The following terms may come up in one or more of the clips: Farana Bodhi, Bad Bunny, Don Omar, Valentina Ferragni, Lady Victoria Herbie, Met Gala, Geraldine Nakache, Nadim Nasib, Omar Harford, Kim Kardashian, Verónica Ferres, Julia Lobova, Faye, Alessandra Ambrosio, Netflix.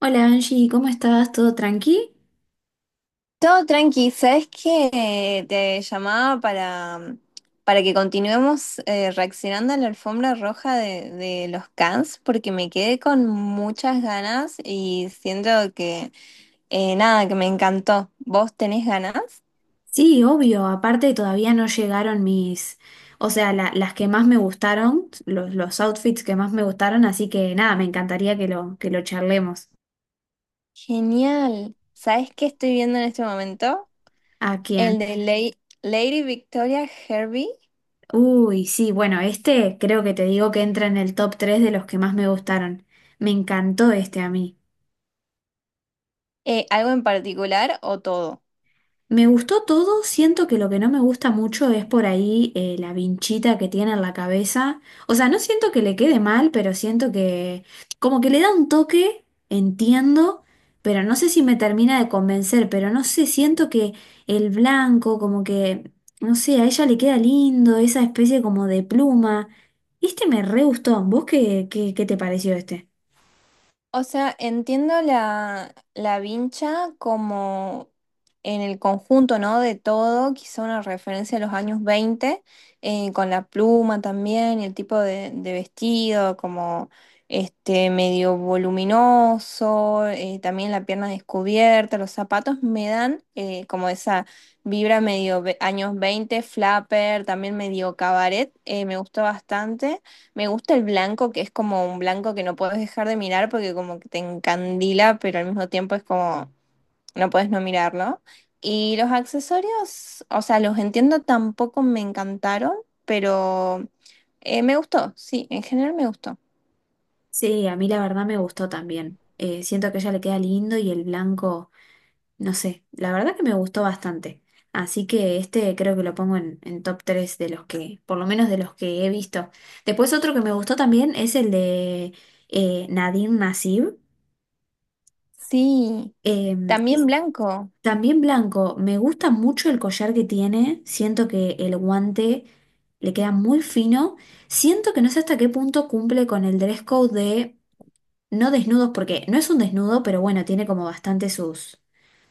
Hola Angie, ¿cómo estás? ¿Todo tranqui? Todo tranqui, ¿sabes qué? Te llamaba para que continuemos reaccionando a la alfombra roja de los Cans, porque me quedé con muchas ganas y siento que, nada, que me encantó. ¿Vos tenés ganas? Sí, obvio, aparte todavía no llegaron o sea, las que más me gustaron, los outfits que más me gustaron, así que nada, me encantaría que que lo charlemos. Genial. ¿Sabes qué estoy viendo en este momento? ¿A El quién? de Lady, Lady Victoria Herbie. Uy, sí, bueno, este creo que te digo que entra en el top 3 de los que más me gustaron. Me encantó este a mí. ¿Algo en particular o todo? Me gustó todo, siento que lo que no me gusta mucho es por ahí la vinchita que tiene en la cabeza. O sea, no siento que le quede mal, pero siento que como que le da un toque, entiendo, pero no sé si me termina de convencer, pero no sé, siento que el blanco no sé, a ella le queda lindo, esa especie como de pluma. Este me re gustó, ¿vos qué te pareció este? O sea, entiendo la vincha como en el conjunto, ¿no? De todo, quizá una referencia a los años 20 con la pluma también y el tipo de vestido, como este medio voluminoso, también la pierna descubierta, los zapatos me dan como esa vibra años 20 flapper, también medio cabaret, me gustó bastante. Me gusta el blanco, que es como un blanco que no puedes dejar de mirar porque como que te encandila, pero al mismo tiempo es como no puedes no mirarlo. Y los accesorios, o sea, los entiendo, tampoco me encantaron, pero me gustó, sí, en general me gustó. Sí, a mí la verdad me gustó también. Siento que a ella le queda lindo y el blanco. No sé, la verdad que me gustó bastante. Así que este creo que lo pongo en top 3 de los que, por lo menos de los que he visto. Después otro que me gustó también es el de Nadim Nasib. Sí, Eh, también es blanco. también blanco. Me gusta mucho el collar que tiene. Siento que el guante le queda muy fino. Siento que no sé hasta qué punto cumple con el dress code de no desnudos, porque no es un desnudo, pero bueno, tiene como bastante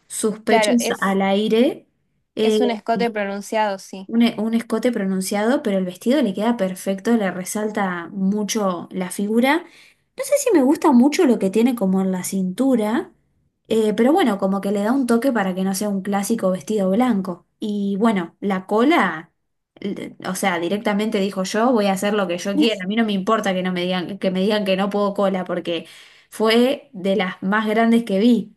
sus Claro, pechos es, al aire. Eh, es un escote pronunciado, sí. Un, un escote pronunciado, pero el vestido le queda perfecto, le resalta mucho la figura. No sé si me gusta mucho lo que tiene como en la cintura, pero bueno, como que le da un toque para que no sea un clásico vestido blanco. Y bueno, la cola, o sea, directamente dijo yo, voy a hacer lo que yo quiera. A mí no me importa que no me digan, que me digan que no puedo cola, porque fue de las más grandes que vi.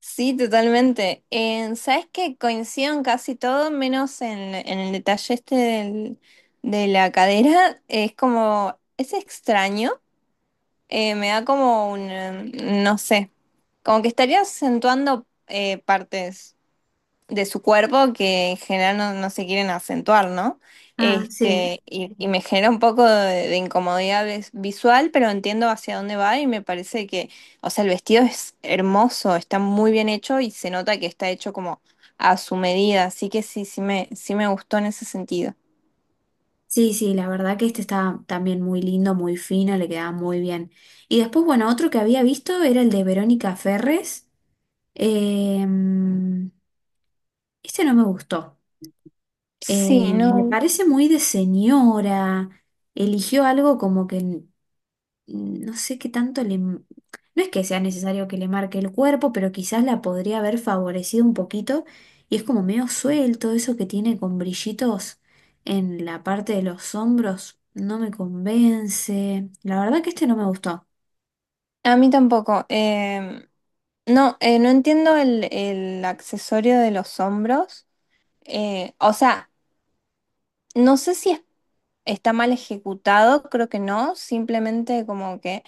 Sí, totalmente. ¿Sabes qué? Coincido en casi todo, menos en el detalle de la cadera. Es como, es extraño. Me da como no sé, como que estaría acentuando partes de su cuerpo que en general no, no se quieren acentuar, ¿no? Ah, sí. Este, y me genera un poco de incomodidad visual, pero entiendo hacia dónde va y me parece que, o sea, el vestido es hermoso, está muy bien hecho y se nota que está hecho como a su medida, así que sí, sí me gustó en ese sentido. Sí, sí, la verdad que este está también muy lindo, muy fino, le quedaba muy bien. Y después, bueno, otro que había visto era el de Verónica Ferres. Eh, este no me gustó. Sí, Me no, parece muy de señora. Eligió algo como que no sé qué tanto le. No es que sea necesario que le marque el cuerpo, pero quizás la podría haber favorecido un poquito. Y es como medio suelto, eso que tiene con brillitos en la parte de los hombros, no me convence. La verdad que este no me gustó. a mí tampoco. No, no entiendo el accesorio de los hombros. O sea, no sé si es está mal ejecutado, creo que no, simplemente como que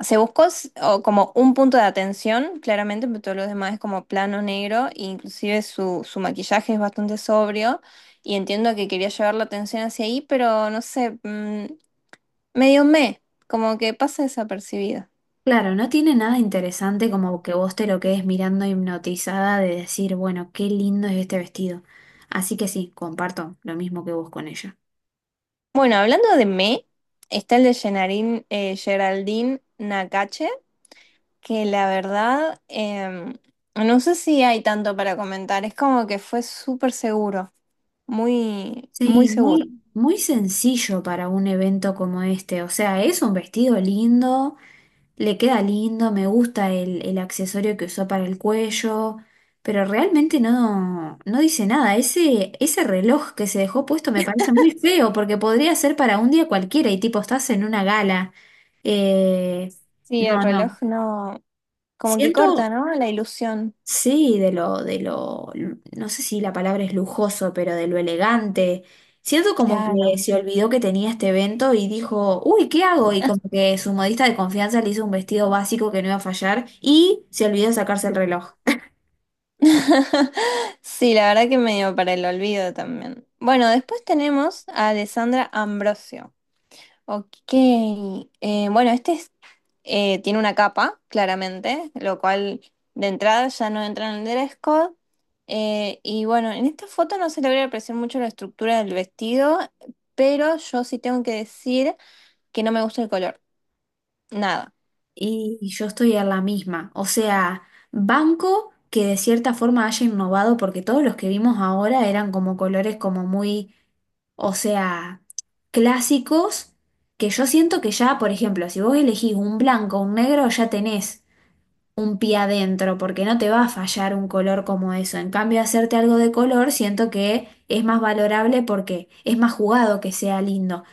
se buscó s- o como un punto de atención, claramente, pero todo lo demás es como plano negro, e inclusive su, su maquillaje es bastante sobrio y entiendo que quería llevar la atención hacia ahí, pero no sé, medio me, como que pasa desapercibido. Claro, no tiene nada interesante como que vos te lo quedes mirando hipnotizada de decir, bueno, qué lindo es este vestido. Así que sí, comparto lo mismo que vos con ella. Bueno, está el de Geraldine Nakache, que la verdad... no sé si hay tanto para comentar, es como que fue súper seguro. Muy, muy Sí, seguro. muy, muy sencillo para un evento como este. O sea, es un vestido lindo, le queda lindo, me gusta el accesorio que usó para el cuello, pero realmente no, no dice nada. Ese reloj que se dejó puesto me parece muy feo porque podría ser para un día cualquiera y tipo estás en una gala. Eh, Sí, el no, reloj no. no, como que corta, Siento, ¿no? La ilusión. sí, de lo, no sé si la palabra es lujoso, pero de lo elegante. Siento como que Claro. se olvidó que tenía este evento y dijo, uy, ¿qué hago? Y como que su modista de confianza le hizo un vestido básico que no iba a fallar y se olvidó de sacarse el reloj. Sí, la verdad que medio para el olvido también. Bueno, después tenemos a Alessandra Ambrosio. Ok, bueno, este tiene una capa, claramente, lo cual de entrada ya no entra en el dress code. Y bueno, en esta foto no se logra apreciar mucho la estructura del vestido, pero yo sí tengo que decir que no me gusta el color. Nada. Y yo estoy en la misma. O sea, banco que de cierta forma haya innovado porque todos los que vimos ahora eran como colores como muy, o sea, clásicos, que yo siento que ya, por ejemplo, si vos elegís un blanco o un negro, ya tenés un pie adentro, porque no te va a fallar un color como eso. En cambio, hacerte algo de color, siento que es más valorable porque es más jugado que sea lindo.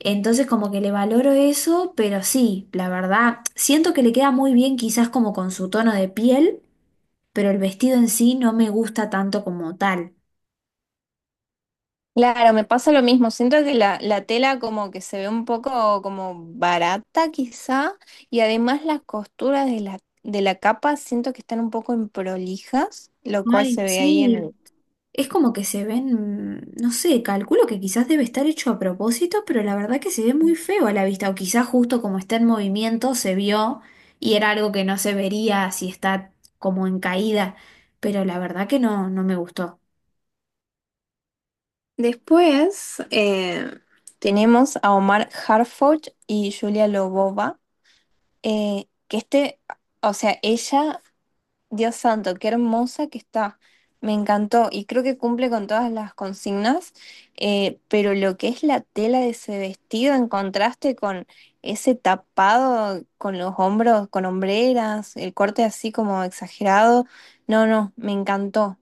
Entonces, como que le valoro eso, pero sí, la verdad, siento que le queda muy bien quizás como con su tono de piel, pero el vestido en sí no me gusta tanto como tal. Claro, me pasa lo mismo. Siento que la tela como que se ve un poco como barata quizá y además las costuras de de la capa siento que están un poco improlijas, lo cual se Ay, ve ahí en sí. el... Es como que se ven, no sé, calculo que quizás debe estar hecho a propósito, pero la verdad que se ve muy feo a la vista, o quizás justo como está en movimiento se vio y era algo que no se vería si está como en caída, pero la verdad que no, no me gustó. Después tenemos a Omar Harford y Julia Lobova, eh, que este, o sea, ella Dios santo, qué hermosa que está. Me encantó y creo que cumple con todas las consignas, pero lo que es la tela de ese vestido en contraste con ese tapado con los hombros, con hombreras, el corte así como exagerado, no, no, me encantó.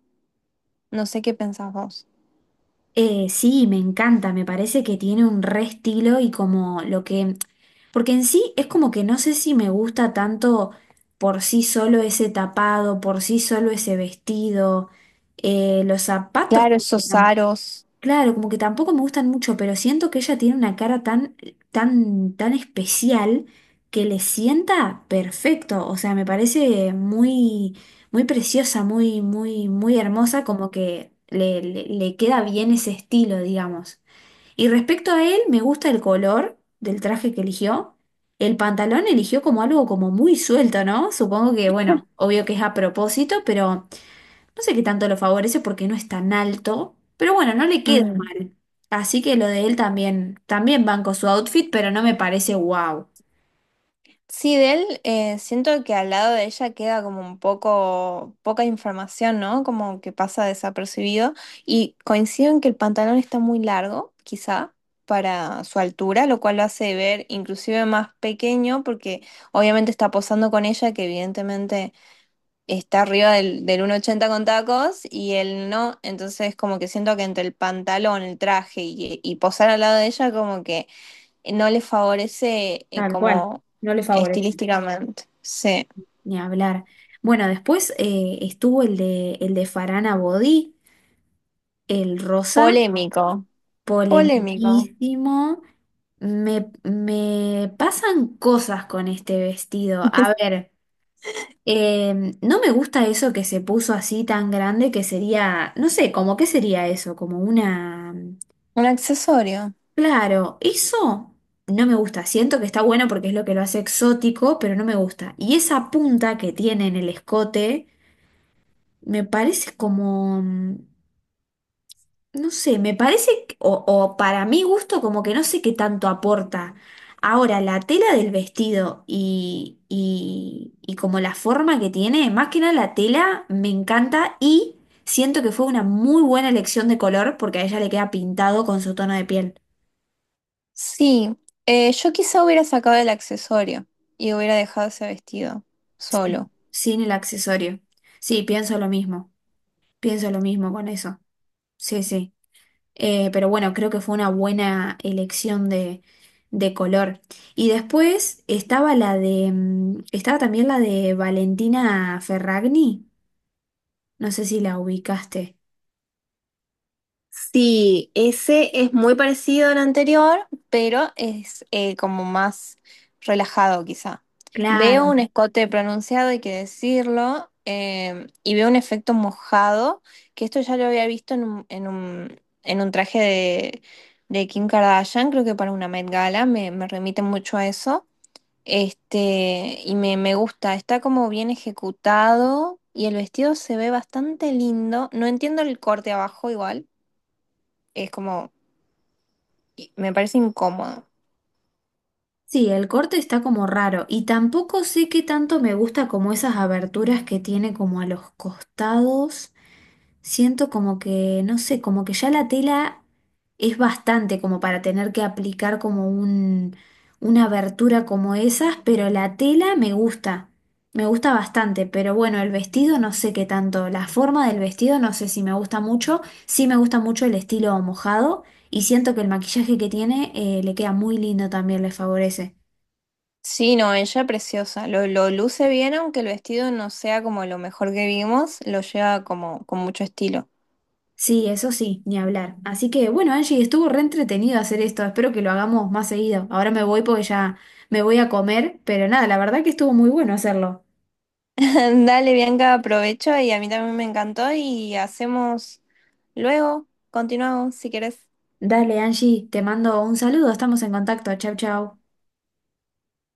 No sé qué pensás vos. Sí, me encanta, me parece que tiene un re estilo y como lo que, porque en sí es como que no sé si me gusta tanto por sí solo ese tapado, por sí solo ese vestido, los zapatos. Claro, esos aros. Claro, como que tampoco me gustan mucho, pero siento que ella tiene una cara tan especial que le sienta perfecto. O sea, me parece muy, muy preciosa, muy, muy, muy hermosa, como que le queda bien ese estilo, digamos. Y respecto a él, me gusta el color del traje que eligió. El pantalón eligió como algo como muy suelto, ¿no? Supongo que, bueno, obvio que es a propósito, pero no sé qué tanto lo favorece porque no es tan alto, pero bueno, no le queda mal. Así que lo de él también, también banco su outfit, pero no me parece wow. Sí, de él siento que al lado de ella queda como un poco poca información, ¿no? Como que pasa desapercibido. Y coincido en que el pantalón está muy largo, quizá, para su altura, lo cual lo hace ver inclusive más pequeño, porque obviamente está posando con ella, que evidentemente está arriba del 1,80 con tacos, y él no. Entonces como que siento que entre el pantalón, el traje y posar al lado de ella, como que no le favorece eh, Tal cual, como no le favorece. estilísticamente. Sí. Ni hablar. Bueno, después estuvo el de Farana Bodhi, el rosa, Polémico, polémico. polemiquísimo. Me pasan cosas con este vestido. A ver. No me gusta eso que se puso así tan grande que sería, no sé, como qué sería eso, como una. Un accesorio. Claro, eso no me gusta. Siento que está bueno porque es lo que lo hace exótico, pero no me gusta. Y esa punta que tiene en el escote me parece como, no sé, me parece, o para mi gusto, como que no sé qué tanto aporta. Ahora, la tela del vestido y como la forma que tiene, más que nada la tela, me encanta y siento que fue una muy buena elección de color porque a ella le queda pintado con su tono de piel. Sí, yo quizá hubiera sacado el accesorio y hubiera dejado ese vestido Sí. solo. Sin el accesorio. Sí, pienso lo mismo. Pienso lo mismo con eso. Sí, sí. Pero bueno, creo que fue una buena elección de color. Y después estaba la de, estaba también la de Valentina Ferragni. No sé si la ubicaste. Sí, ese es muy parecido al anterior, pero es como más relajado quizá. Veo Claro. un escote pronunciado, hay que decirlo, y veo un efecto mojado, que esto ya lo había visto en un, en un traje de Kim Kardashian, creo que para una Met Gala, me remite mucho a eso. Este, y me gusta, está como bien ejecutado y el vestido se ve bastante lindo. No entiendo el corte abajo igual es como, me parece incómodo. Sí, el corte está como raro. Y tampoco sé qué tanto me gusta como esas aberturas que tiene como a los costados. Siento como que, no sé, como que ya la tela es bastante como para tener que aplicar como una abertura como esas, pero la tela me gusta bastante, pero bueno, el vestido no sé qué tanto, la forma del vestido no sé si me gusta mucho, sí me gusta mucho el estilo mojado y siento que el maquillaje que tiene le queda muy lindo también, le favorece. Sí, no, ella preciosa. Lo luce bien, aunque el vestido no sea como lo mejor que vimos, lo lleva como con mucho estilo. Sí, eso sí, ni hablar. Así que bueno, Angie, estuvo re entretenido hacer esto. Espero que lo hagamos más seguido. Ahora me voy porque ya me voy a comer, pero nada, la verdad que estuvo muy bueno hacerlo. Dale, Bianca, aprovecho y a mí también me encantó y hacemos luego, continuamos si querés. Dale, Angie, te mando un saludo, estamos en contacto. Chau, chau.